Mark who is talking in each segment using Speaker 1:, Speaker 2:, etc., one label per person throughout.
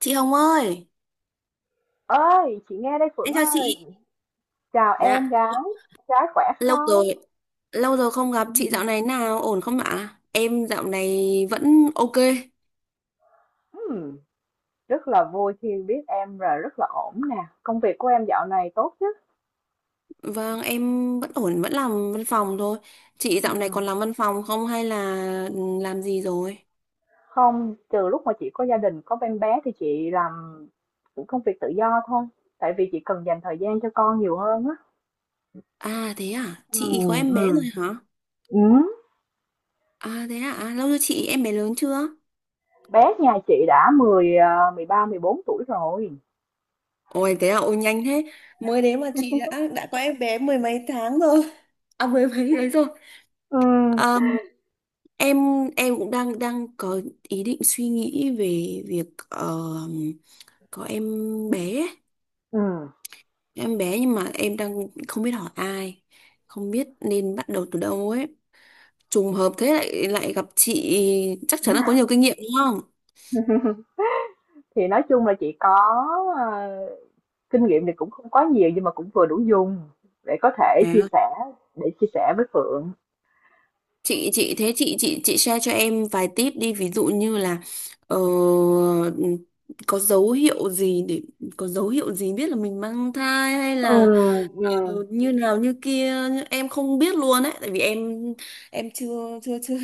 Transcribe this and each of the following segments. Speaker 1: Chị Hồng ơi,
Speaker 2: Ơi chị nghe đây Phượng
Speaker 1: em chào
Speaker 2: ơi.
Speaker 1: chị.
Speaker 2: Chào
Speaker 1: Dạ,
Speaker 2: em gái. Gái khỏe
Speaker 1: lâu
Speaker 2: không?
Speaker 1: rồi, lâu rồi không gặp chị, dạo này nào ổn không ạ? Em dạo này vẫn ok.
Speaker 2: Ừm, Rất là vui khi biết em, rồi rất là ổn nè. Công việc của em dạo này tốt chứ?
Speaker 1: Vâng em vẫn ổn, vẫn làm văn phòng thôi. Chị dạo này còn
Speaker 2: Ừm,
Speaker 1: làm văn phòng không hay là làm gì rồi?
Speaker 2: Không, từ lúc mà chị có gia đình có em bé thì chị làm công việc tự do thôi, tại vì chị cần dành thời gian cho con nhiều hơn á.
Speaker 1: À thế à, chị có
Speaker 2: Ừm,
Speaker 1: em bé
Speaker 2: ừm,
Speaker 1: rồi hả?
Speaker 2: ừm.
Speaker 1: À thế à, à lâu rồi chị, em bé lớn chưa?
Speaker 2: Bé nhà chị đã 13-14 tuổi rồi.
Speaker 1: Ôi thế à, ôi nhanh thế. Mới đấy mà chị đã có em bé mười mấy tháng rồi. À mười mấy đấy rồi.
Speaker 2: Ừm,
Speaker 1: Ờ, em em cũng đang đang có ý định suy nghĩ về việc ờ, có em bé ấy.
Speaker 2: ừm.
Speaker 1: Em bé, nhưng mà em đang không biết hỏi ai, không biết nên bắt đầu từ đâu ấy. Trùng hợp thế lại lại gặp chị chắc chắn là có nhiều kinh nghiệm đúng không?
Speaker 2: Thì nói chung là chị có ờ, kinh nghiệm thì cũng không quá nhiều nhưng mà cũng vừa đủ dùng để có thể chia
Speaker 1: À,
Speaker 2: sẻ, để chia sẻ với Phượng.
Speaker 1: chị thế chị share cho em vài tip đi, ví dụ như là ờ, có dấu hiệu gì để có dấu hiệu gì biết là mình mang thai hay
Speaker 2: Ừ,
Speaker 1: là
Speaker 2: ừ.
Speaker 1: ừ, như nào như kia em không biết luôn ấy, tại vì em chưa chưa chưa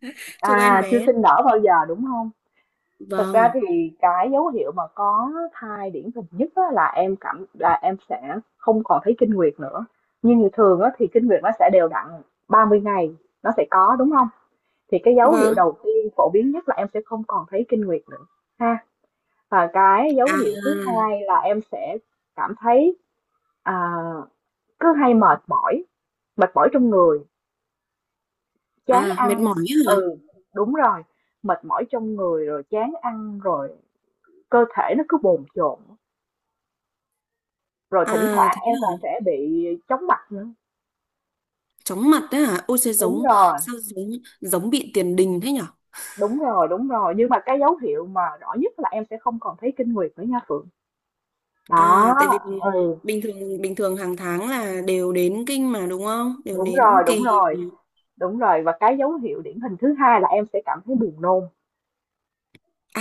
Speaker 1: chưa có em
Speaker 2: À, chưa
Speaker 1: bé,
Speaker 2: sinh nở bao giờ đúng không? Thật ra
Speaker 1: vâng.
Speaker 2: thì cái dấu hiệu mà có thai điển hình nhất á, là em cảm là em sẽ không còn thấy kinh nguyệt nữa. Nhưng thường á, thì kinh nguyệt nó sẽ đều đặn 30 ngày, nó sẽ có đúng không? Thì cái dấu hiệu
Speaker 1: Vâng.
Speaker 2: đầu tiên phổ biến nhất là em sẽ không còn thấy kinh nguyệt nữa ha. Và cái dấu hiệu thứ
Speaker 1: À
Speaker 2: hai là em sẽ cảm thấy à, cứ hay mệt mỏi, mệt mỏi trong người, chán
Speaker 1: à mệt
Speaker 2: ăn.
Speaker 1: mỏi ấy hả?
Speaker 2: Ừ, đúng rồi, mệt mỏi trong người rồi chán ăn rồi, cơ thể nó cứ bồn chồn, rồi thỉnh
Speaker 1: À
Speaker 2: thoảng
Speaker 1: thế
Speaker 2: em
Speaker 1: hả,
Speaker 2: còn sẽ bị chóng mặt nữa.
Speaker 1: chóng mặt đấy hả? Ôi trời,
Speaker 2: Đúng
Speaker 1: giống
Speaker 2: rồi.
Speaker 1: sao, giống giống bị tiền đình thế nhở?
Speaker 2: Đúng rồi, nhưng mà cái dấu hiệu mà rõ nhất là em sẽ không còn thấy kinh nguyệt nữa nha Phượng. Đó.
Speaker 1: À tại vì
Speaker 2: Ừ.
Speaker 1: bình thường hàng tháng là đều đến kinh mà đúng không, đều
Speaker 2: đúng
Speaker 1: đến
Speaker 2: rồi đúng
Speaker 1: kỳ.
Speaker 2: rồi đúng rồi, và cái dấu hiệu điển hình thứ hai là em sẽ cảm thấy buồn nôn.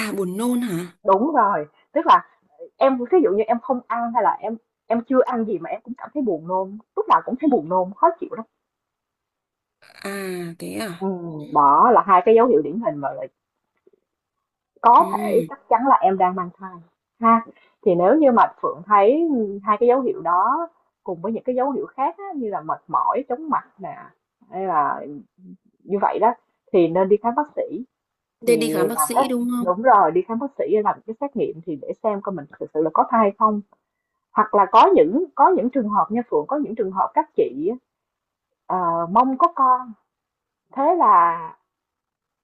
Speaker 1: À buồn nôn hả?
Speaker 2: Đúng rồi, tức là em ví dụ như em không ăn hay là em chưa ăn gì mà em cũng cảm thấy buồn nôn, lúc nào cũng thấy buồn nôn, khó chịu lắm.
Speaker 1: À thế à.
Speaker 2: Ừ, đó là hai cái dấu hiệu điển hình mà lại
Speaker 1: Ừ
Speaker 2: có thể chắc chắn là em đang mang thai ha. Thì nếu như mà Phượng thấy hai cái dấu hiệu đó cùng với những cái dấu hiệu khác á, như là mệt mỏi, chóng mặt nè, hay là như vậy đó, thì nên đi khám bác sĩ,
Speaker 1: thế đi
Speaker 2: thì
Speaker 1: khám bác
Speaker 2: làm
Speaker 1: sĩ
Speaker 2: test.
Speaker 1: đúng không?
Speaker 2: Đúng rồi, đi khám bác sĩ để làm cái xét nghiệm thì để xem coi mình thực sự là có thai hay không. Hoặc là có những trường hợp nha Phượng, có những trường hợp các chị á, mong có con, thế là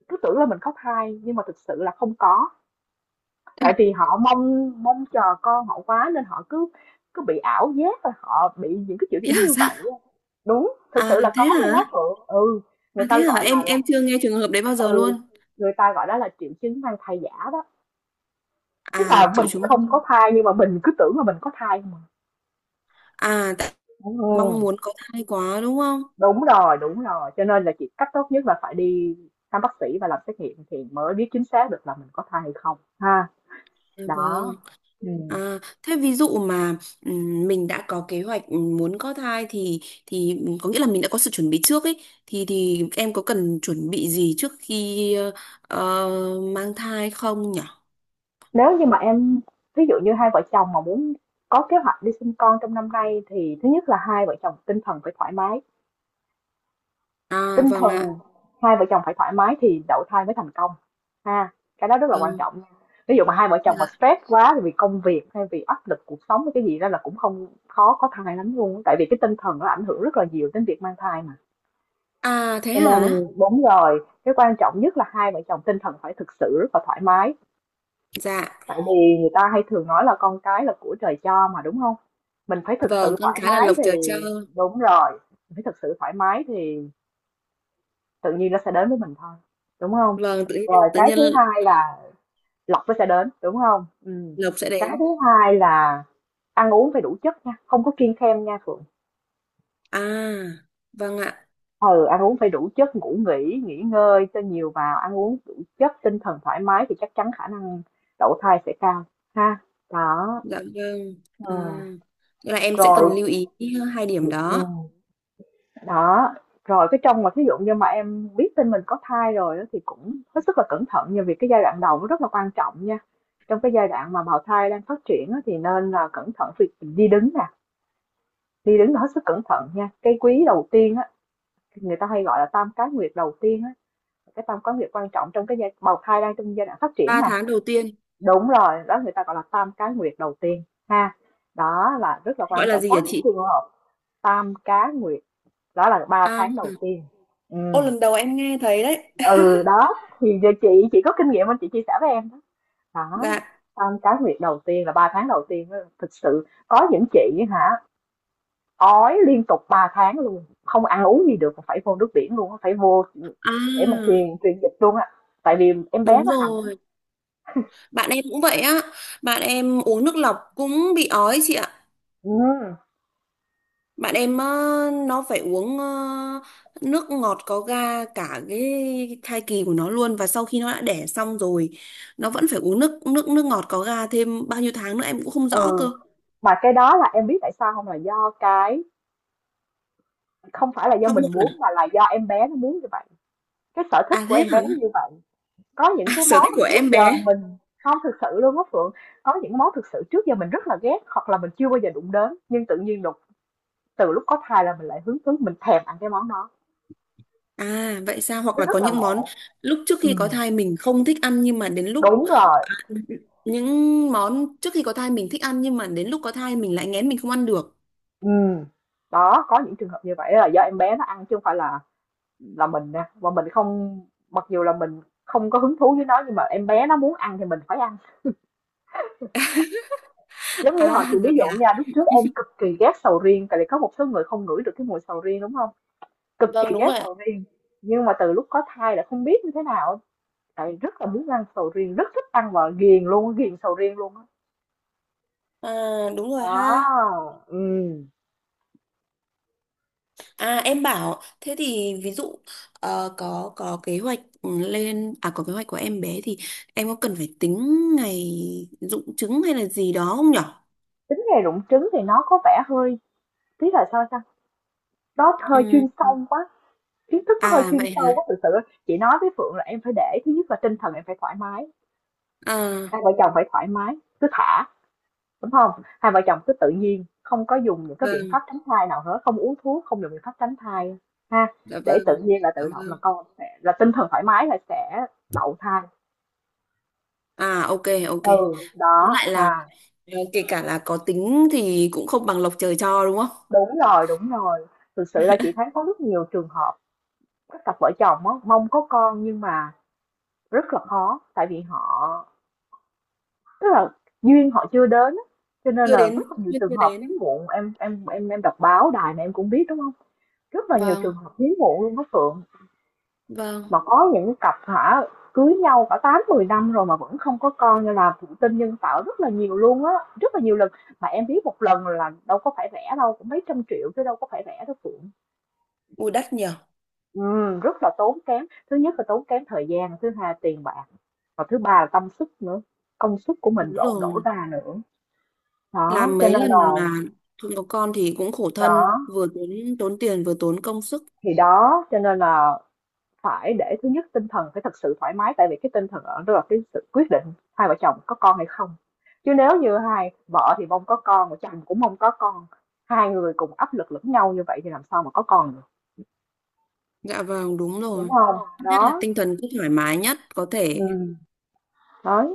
Speaker 2: cứ tưởng là mình có thai nhưng mà thực sự là không có. Tại vì họ mong mong chờ con họ quá, nên họ cứ cứ bị ảo giác và họ bị những cái triệu
Speaker 1: Bị
Speaker 2: chứng
Speaker 1: ảo
Speaker 2: như
Speaker 1: giác?
Speaker 2: vậy luôn. Đúng, thực
Speaker 1: À
Speaker 2: sự là
Speaker 1: thế
Speaker 2: có luôn á
Speaker 1: hả?
Speaker 2: Phượng. Ừ, người
Speaker 1: À
Speaker 2: ta
Speaker 1: thế hả?
Speaker 2: gọi
Speaker 1: Em
Speaker 2: là
Speaker 1: em chưa nghe trường hợp đấy bao giờ luôn.
Speaker 2: ừ, người ta gọi đó là triệu chứng mang thai giả đó. Tức
Speaker 1: À
Speaker 2: là mình
Speaker 1: triệu chứng.
Speaker 2: không có thai nhưng mà mình cứ tưởng là mình có thai mà.
Speaker 1: À tại mong
Speaker 2: Ừ.
Speaker 1: muốn có thai quá đúng không?
Speaker 2: Đúng rồi. Cho nên là chị, cách tốt nhất là phải đi thăm bác sĩ và làm xét nghiệm thì mới biết chính xác được là mình có thai hay không ha.
Speaker 1: À, vâng.
Speaker 2: Đó. Ừ.
Speaker 1: À thế ví dụ mà mình đã có kế hoạch muốn có thai thì có nghĩa là mình đã có sự chuẩn bị trước ấy, thì em có cần chuẩn bị gì trước khi mang thai không nhỉ?
Speaker 2: Nếu như mà em, ví dụ như hai vợ chồng mà muốn có kế hoạch đi sinh con trong năm nay, thì thứ nhất là hai vợ chồng tinh thần phải thoải mái,
Speaker 1: À
Speaker 2: tinh
Speaker 1: vâng ạ.
Speaker 2: thần hai vợ chồng phải thoải mái thì đậu thai mới thành công ha. Cái đó rất là quan
Speaker 1: Vâng.
Speaker 2: trọng nha. Ví dụ mà hai vợ chồng mà
Speaker 1: Dạ.
Speaker 2: stress quá, thì vì công việc hay vì áp lực cuộc sống hay cái gì đó, là cũng không, khó có thai lắm luôn, tại vì cái tinh thần nó ảnh hưởng rất là nhiều đến việc mang thai mà.
Speaker 1: À thế
Speaker 2: Cho
Speaker 1: hả?
Speaker 2: nên đúng rồi, cái quan trọng nhất là hai vợ chồng tinh thần phải thực sự rất là thoải mái,
Speaker 1: Dạ.
Speaker 2: tại vì người ta hay thường nói là con cái là của trời cho mà, đúng không? Mình phải thực
Speaker 1: Vâng,
Speaker 2: sự
Speaker 1: con
Speaker 2: thoải
Speaker 1: cái là
Speaker 2: mái
Speaker 1: lộc
Speaker 2: thì,
Speaker 1: trời cho.
Speaker 2: đúng rồi, mình phải thực sự thoải mái thì tự nhiên nó sẽ đến với mình thôi, đúng không?
Speaker 1: Vâng,
Speaker 2: Rồi
Speaker 1: tự
Speaker 2: cái
Speaker 1: nhiên
Speaker 2: thứ hai là lộc nó sẽ đến, đúng không.
Speaker 1: lộc sẽ
Speaker 2: Cái
Speaker 1: đến.
Speaker 2: thứ hai là ăn uống phải đủ chất nha, không có kiêng khem nha Phượng.
Speaker 1: À, vâng ạ.
Speaker 2: Ừ, ăn uống phải đủ chất, ngủ nghỉ, nghỉ ngơi cho nhiều vào, ăn uống đủ chất, tinh thần thoải mái thì chắc chắn khả năng đậu thai sẽ cao ha. Đó.
Speaker 1: Dạ vâng.
Speaker 2: Ờ.
Speaker 1: À, nghĩa là em sẽ
Speaker 2: Rồi,
Speaker 1: cần lưu ý hai điểm đó.
Speaker 2: ừm. Đó, rồi cái trong mà thí dụ như mà em biết tin mình có thai rồi đó, thì cũng hết sức là cẩn thận nha, vì cái giai đoạn đầu nó rất là quan trọng nha. Trong cái giai đoạn mà bào thai đang phát triển á, thì nên là cẩn thận việc đi đứng nè, đi đứng là hết sức cẩn thận nha. Cái quý đầu tiên á, người ta hay gọi là tam cá nguyệt đầu tiên á, cái tam cá nguyệt quan trọng trong cái giai bào thai đang trong giai đoạn phát triển
Speaker 1: Ba
Speaker 2: mà.
Speaker 1: tháng đầu tiên
Speaker 2: Đúng rồi, đó người ta gọi là tam cá nguyệt đầu tiên ha. Đó là rất là
Speaker 1: gọi
Speaker 2: quan
Speaker 1: là
Speaker 2: trọng.
Speaker 1: gì
Speaker 2: Có
Speaker 1: hả
Speaker 2: những
Speaker 1: chị?
Speaker 2: trường hợp tam cá nguyệt, đó là ba
Speaker 1: À,
Speaker 2: tháng đầu tiên. Ừ.
Speaker 1: ô lần đầu em nghe thấy đấy.
Speaker 2: Ừ đó, thì giờ chị có kinh nghiệm nên chị chia sẻ với em đó. Đó,
Speaker 1: Dạ.
Speaker 2: xong cái việc đầu tiên là 3 tháng đầu tiên á, thực sự có những chị hả ói liên tục 3 tháng luôn, không ăn uống gì được, phải vô nước biển luôn á, phải vô ừ, để mà
Speaker 1: À,
Speaker 2: truyền truyền dịch luôn á, tại vì em bé
Speaker 1: đúng
Speaker 2: nó hành á.
Speaker 1: rồi. Bạn em cũng vậy á. Bạn em uống nước lọc cũng bị ói chị ạ.
Speaker 2: Ừ.
Speaker 1: Bạn em, nó phải uống nước ngọt có ga cả cái thai kỳ của nó luôn, và sau khi nó đã đẻ xong rồi nó vẫn phải uống nước nước nước ngọt có ga thêm bao nhiêu tháng nữa em cũng không rõ
Speaker 2: Ừ,
Speaker 1: cơ.
Speaker 2: mà cái đó là em biết tại sao không, là do cái, không phải là do
Speaker 1: Hóc
Speaker 2: mình
Speaker 1: môn à?
Speaker 2: muốn mà là do em bé nó muốn như vậy, cái sở thích
Speaker 1: À
Speaker 2: của
Speaker 1: thế
Speaker 2: em
Speaker 1: hả?
Speaker 2: bé nó như vậy. Có những
Speaker 1: À,
Speaker 2: cái
Speaker 1: sở
Speaker 2: món
Speaker 1: thích của
Speaker 2: trước
Speaker 1: em
Speaker 2: giờ
Speaker 1: bé.
Speaker 2: mình không, thực sự luôn á Phượng, có những món thực sự trước giờ mình rất là ghét hoặc là mình chưa bao giờ đụng đến, nhưng tự nhiên đùng, từ lúc có thai là mình lại hứng thú, mình thèm ăn cái món đó,
Speaker 1: À vậy sao? Hoặc
Speaker 2: nó
Speaker 1: là
Speaker 2: rất
Speaker 1: có
Speaker 2: là
Speaker 1: những món
Speaker 2: ngộ.
Speaker 1: lúc trước khi có
Speaker 2: Ừm,
Speaker 1: thai mình không thích ăn nhưng mà đến lúc
Speaker 2: đúng rồi,
Speaker 1: những món trước khi có thai mình thích ăn nhưng mà đến lúc có thai mình lại nghén, mình không ăn được.
Speaker 2: ừm. Đó, có những trường hợp như vậy là do em bé nó ăn chứ không phải là mình nha, và mình không, mặc dù là mình không có hứng thú với nó nhưng mà em bé nó muốn ăn thì mình phải ăn. Giống như
Speaker 1: À
Speaker 2: hồi chị ví
Speaker 1: rồi
Speaker 2: dụ
Speaker 1: hả?
Speaker 2: nha, lúc trước em cực kỳ ghét sầu riêng, tại vì có một số người không ngửi được cái mùi sầu riêng, đúng không. Cực
Speaker 1: Vâng
Speaker 2: kỳ
Speaker 1: đúng
Speaker 2: ghét
Speaker 1: rồi ạ.
Speaker 2: sầu riêng, nhưng mà từ lúc có thai là không biết như thế nào á, lại rất là muốn ăn sầu riêng, rất thích ăn và ghiền luôn, ghiền sầu riêng luôn á.
Speaker 1: À đúng rồi ha.
Speaker 2: Đó, ừm.
Speaker 1: À em bảo thế thì ví dụ có kế hoạch lên, à có kế hoạch của em bé thì em có cần phải tính ngày dụng trứng hay là gì đó không nhở?
Speaker 2: Tính nghề rụng trứng thì nó có vẻ hơi, tí là sao ta, nó hơi
Speaker 1: Ừ.
Speaker 2: chuyên sâu quá, kiến thức nó hơi
Speaker 1: À
Speaker 2: chuyên
Speaker 1: vậy hả?
Speaker 2: sâu quá thực sự. Chị nói với Phượng là em phải để thứ nhất là tinh thần em phải thoải mái,
Speaker 1: À
Speaker 2: hai vợ chồng phải thoải mái, cứ thả, đúng không, hai vợ chồng cứ tự nhiên, không có dùng những cái biện
Speaker 1: vâng.
Speaker 2: pháp tránh thai nào hết, không uống thuốc, không dùng biện pháp tránh thai ha,
Speaker 1: Dạ
Speaker 2: để
Speaker 1: vâng,
Speaker 2: tự nhiên là tự
Speaker 1: cảm
Speaker 2: động
Speaker 1: ơn.
Speaker 2: là con sẽ là, tinh thần thoải mái là sẽ đậu thai.
Speaker 1: À ok ok.
Speaker 2: Ừ
Speaker 1: Cũng
Speaker 2: đó
Speaker 1: lại là
Speaker 2: ha.
Speaker 1: kể cả là có tính thì cũng không bằng lộc trời cho đúng không?
Speaker 2: Đúng rồi, đúng rồi, thực sự là chị thấy có rất nhiều trường hợp các cặp vợ chồng á, mong có con nhưng mà rất là khó, tại vì họ, tức là duyên họ chưa đến á. Cho nên
Speaker 1: Chưa
Speaker 2: là
Speaker 1: đến,
Speaker 2: rất là nhiều
Speaker 1: chưa
Speaker 2: trường
Speaker 1: chưa
Speaker 2: hợp hiếm
Speaker 1: đến.
Speaker 2: muộn, em đọc báo đài này em cũng biết đúng không, rất là nhiều
Speaker 1: Vâng,
Speaker 2: trường hợp hiếm muộn luôn đó Phượng.
Speaker 1: vâng.
Speaker 2: Mà có những cặp hả, cưới nhau cả 8-10 năm rồi mà vẫn không có con, nên là thụ tinh nhân tạo rất là nhiều luôn á, rất là nhiều lần. Mà em biết một lần là đâu có phải rẻ đâu, cũng mấy trăm triệu chứ đâu có phải rẻ đâu Phượng.
Speaker 1: Ui đắt nhỉ.
Speaker 2: Ừ, rất là tốn kém. Thứ nhất là tốn kém thời gian, thứ hai là tiền bạc, và thứ ba là tâm sức nữa. Công sức của mình
Speaker 1: Đúng
Speaker 2: đổ đổ
Speaker 1: rồi.
Speaker 2: ra nữa. Đó,
Speaker 1: Làm
Speaker 2: cho
Speaker 1: mấy
Speaker 2: nên là,
Speaker 1: lần mà không có con thì cũng khổ thân,
Speaker 2: đó,
Speaker 1: vừa tốn tốn tiền vừa tốn công sức.
Speaker 2: thì đó, cho nên là phải để thứ nhất tinh thần phải thật sự thoải mái, tại vì cái tinh thần ở đó là cái sự quyết định hai vợ chồng có con hay không. Chứ nếu như hai vợ thì mong có con, mà chồng cũng mong có con, hai người cùng áp lực lẫn nhau như vậy thì làm sao mà có con được,
Speaker 1: Dạ vâng, đúng
Speaker 2: đúng
Speaker 1: rồi.
Speaker 2: không?
Speaker 1: Nhất là
Speaker 2: Đó,
Speaker 1: tinh thần cứ thoải mái nhất có
Speaker 2: ừ,
Speaker 1: thể.
Speaker 2: đấy.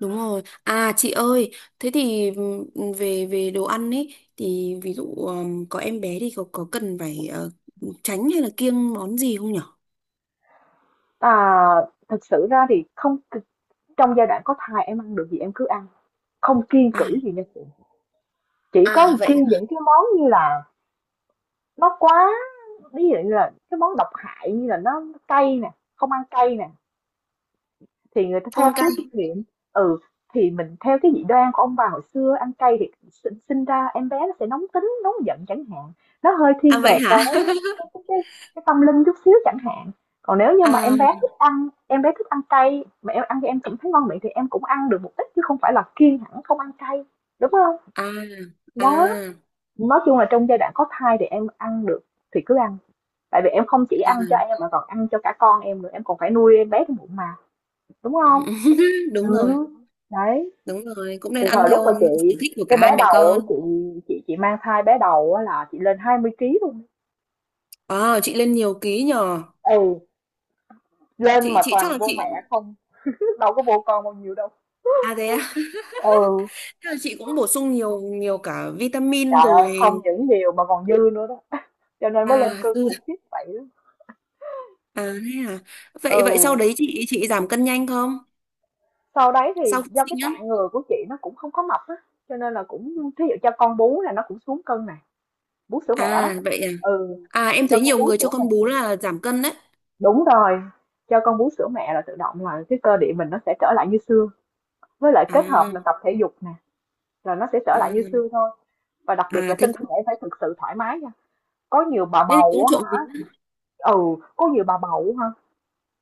Speaker 1: Đúng rồi. À chị ơi, thế thì về về đồ ăn ấy thì ví dụ có em bé thì có cần phải tránh hay là kiêng món gì không nhở?
Speaker 2: À, thực sự ra thì không, trong giai đoạn có thai em ăn được gì em cứ ăn, không kiêng
Speaker 1: À
Speaker 2: cữ gì nha chị. Chỉ có
Speaker 1: à,
Speaker 2: kiêng
Speaker 1: vậy
Speaker 2: những cái món như là nó quá, ví dụ như là cái món độc hại, như là nó cay nè, không ăn cay nè, thì người ta theo
Speaker 1: thôn
Speaker 2: cái
Speaker 1: cay.
Speaker 2: kinh nghiệm, ừ, thì mình theo cái dị đoan của ông bà hồi xưa, ăn cay thì sinh ra em bé nó sẽ nóng tính nóng giận chẳng hạn, nó hơi
Speaker 1: À
Speaker 2: thiên
Speaker 1: vậy
Speaker 2: về
Speaker 1: hả?
Speaker 2: cái, cái, cái, cái tâm linh chút xíu chẳng hạn. Còn nếu như mà
Speaker 1: À
Speaker 2: em bé thích ăn em bé thích ăn cay mà em ăn cho em cảm thấy ngon miệng thì em cũng ăn được một ít, chứ không phải là kiêng hẳn không ăn cay, đúng không?
Speaker 1: à à,
Speaker 2: Đó,
Speaker 1: à.
Speaker 2: nói chung là trong giai đoạn có thai thì em ăn được thì cứ ăn, tại vì em không chỉ ăn cho em mà còn ăn cho cả con em nữa, em còn phải nuôi em bé trong bụng mà, đúng không?
Speaker 1: Đúng rồi,
Speaker 2: Ừ, đấy,
Speaker 1: đúng rồi cũng nên
Speaker 2: từ
Speaker 1: ăn
Speaker 2: thời lúc mà
Speaker 1: theo
Speaker 2: chị
Speaker 1: sở thích của cả
Speaker 2: cái
Speaker 1: hai
Speaker 2: bé
Speaker 1: mẹ
Speaker 2: đầu á,
Speaker 1: con.
Speaker 2: chị mang thai bé đầu á là chị lên 20 kg luôn.
Speaker 1: À chị lên nhiều ký nhờ.
Speaker 2: Ừ, lên
Speaker 1: chị
Speaker 2: mà
Speaker 1: chị chắc
Speaker 2: toàn
Speaker 1: là
Speaker 2: vô
Speaker 1: chị.
Speaker 2: mẹ không, đâu có vô con bao nhiêu đâu.
Speaker 1: À thế à.
Speaker 2: Ừ,
Speaker 1: Chắc là chị cũng bổ sung nhiều nhiều cả vitamin
Speaker 2: trời ơi,
Speaker 1: rồi.
Speaker 2: không những nhiều mà còn dư nữa đó. Cho nên mới lên
Speaker 1: À
Speaker 2: cân
Speaker 1: ừ,
Speaker 2: khủng khiếp vậy đó.
Speaker 1: à thế à. Vậy vậy sau
Speaker 2: Ừ,
Speaker 1: đấy chị giảm cân nhanh không,
Speaker 2: sau đấy
Speaker 1: sau
Speaker 2: thì
Speaker 1: khi
Speaker 2: do cái
Speaker 1: sinh á?
Speaker 2: tạng người của chị nó cũng không có mập á, cho nên là cũng thí dụ cho con bú là nó cũng xuống cân này, bú sữa mẹ đó.
Speaker 1: À vậy à.
Speaker 2: Ừ,
Speaker 1: À em
Speaker 2: cho
Speaker 1: thấy
Speaker 2: con
Speaker 1: nhiều
Speaker 2: bú
Speaker 1: người cho
Speaker 2: sữa.
Speaker 1: con bú là giảm cân đấy.
Speaker 2: Đúng rồi, cho con bú sữa mẹ là tự động là cái cơ địa mình nó sẽ trở lại như xưa. Với lại kết hợp là
Speaker 1: À,
Speaker 2: tập thể dục nè, là nó sẽ trở lại như
Speaker 1: à.
Speaker 2: xưa thôi. Và đặc biệt
Speaker 1: À
Speaker 2: là
Speaker 1: thế
Speaker 2: tinh
Speaker 1: cũng,
Speaker 2: thần em phải thực sự thoải mái nha. Có nhiều bà
Speaker 1: thế thì
Speaker 2: bầu
Speaker 1: cũng
Speaker 2: á
Speaker 1: trộm
Speaker 2: hả?
Speaker 1: vía.
Speaker 2: Ừ, có nhiều bà bầu á hả?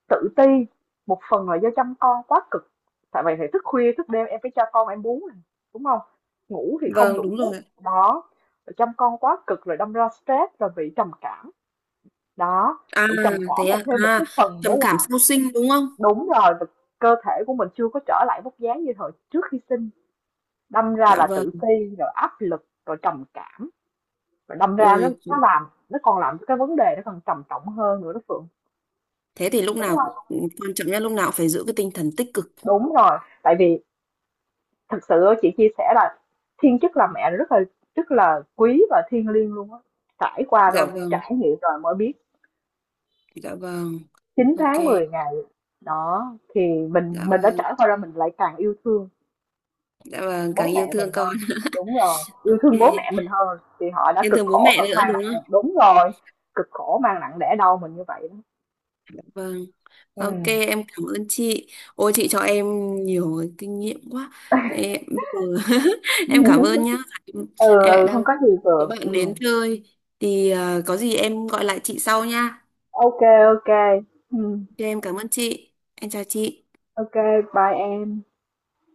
Speaker 2: Tự ti, một phần là do chăm con quá cực. Tại vậy thì thức khuya, thức đêm em phải cho con em bú nè, đúng không? Ngủ thì không
Speaker 1: Vâng
Speaker 2: đủ
Speaker 1: đúng
Speaker 2: giấc.
Speaker 1: rồi.
Speaker 2: Đó, rồi chăm con quá cực rồi đâm ra stress rồi bị trầm cảm. Đó,
Speaker 1: À
Speaker 2: bị trầm cảm
Speaker 1: thế
Speaker 2: là
Speaker 1: à,
Speaker 2: thêm một
Speaker 1: à
Speaker 2: cái phần nữa
Speaker 1: trầm cảm
Speaker 2: là
Speaker 1: sau sinh đúng không?
Speaker 2: đúng rồi, và cơ thể của mình chưa có trở lại vóc dáng như thời trước khi sinh, đâm ra
Speaker 1: Dạ
Speaker 2: là
Speaker 1: vâng.
Speaker 2: tự ti, rồi áp lực, rồi trầm cảm, và đâm ra
Speaker 1: Ôi
Speaker 2: nó làm nó còn làm cho cái vấn đề nó còn trầm trọng hơn nữa đó Phượng,
Speaker 1: thế thì lúc
Speaker 2: đúng
Speaker 1: nào
Speaker 2: không?
Speaker 1: cũng- quan trọng nhất lúc nào cũng phải giữ cái tinh thần tích cực.
Speaker 2: Đúng rồi, tại vì thực sự chị chia sẻ là thiên chức làm mẹ rất là quý và thiêng liêng luôn á, trải qua
Speaker 1: Dạ
Speaker 2: rồi,
Speaker 1: vâng.
Speaker 2: trải nghiệm rồi mới biết,
Speaker 1: Dạ vâng.
Speaker 2: chín
Speaker 1: Ok.
Speaker 2: tháng mười ngày, đó, thì mình
Speaker 1: Dạ
Speaker 2: mình đã
Speaker 1: vâng.
Speaker 2: trải qua rồi mình lại càng yêu thương
Speaker 1: Dạ vâng, càng
Speaker 2: bố
Speaker 1: yêu
Speaker 2: mẹ mình
Speaker 1: thương con.
Speaker 2: hơn, đúng rồi,
Speaker 1: Ok.
Speaker 2: yêu thương bố mẹ mình hơn thì họ đã
Speaker 1: Yêu
Speaker 2: cực
Speaker 1: thương bố
Speaker 2: khổ
Speaker 1: mẹ
Speaker 2: và
Speaker 1: nữa
Speaker 2: mang
Speaker 1: đúng không?
Speaker 2: nặng, đúng rồi, cực khổ mang nặng đẻ đau mình như vậy đó.
Speaker 1: Dạ vâng. Ok,
Speaker 2: Ừm.
Speaker 1: em cảm ơn chị. Ôi chị cho em nhiều cái kinh nghiệm quá. Em, bây giờ em cảm ơn nhá. Em,
Speaker 2: Ừ,
Speaker 1: em lại
Speaker 2: ừ, không
Speaker 1: đang
Speaker 2: có gì
Speaker 1: có
Speaker 2: Phượng.
Speaker 1: bạn
Speaker 2: Ừm.
Speaker 1: đến chơi thì có gì em gọi lại chị sau nha.
Speaker 2: Ok, ok, ô kê.
Speaker 1: Ok, em cảm ơn chị. Em chào chị.
Speaker 2: Bye em.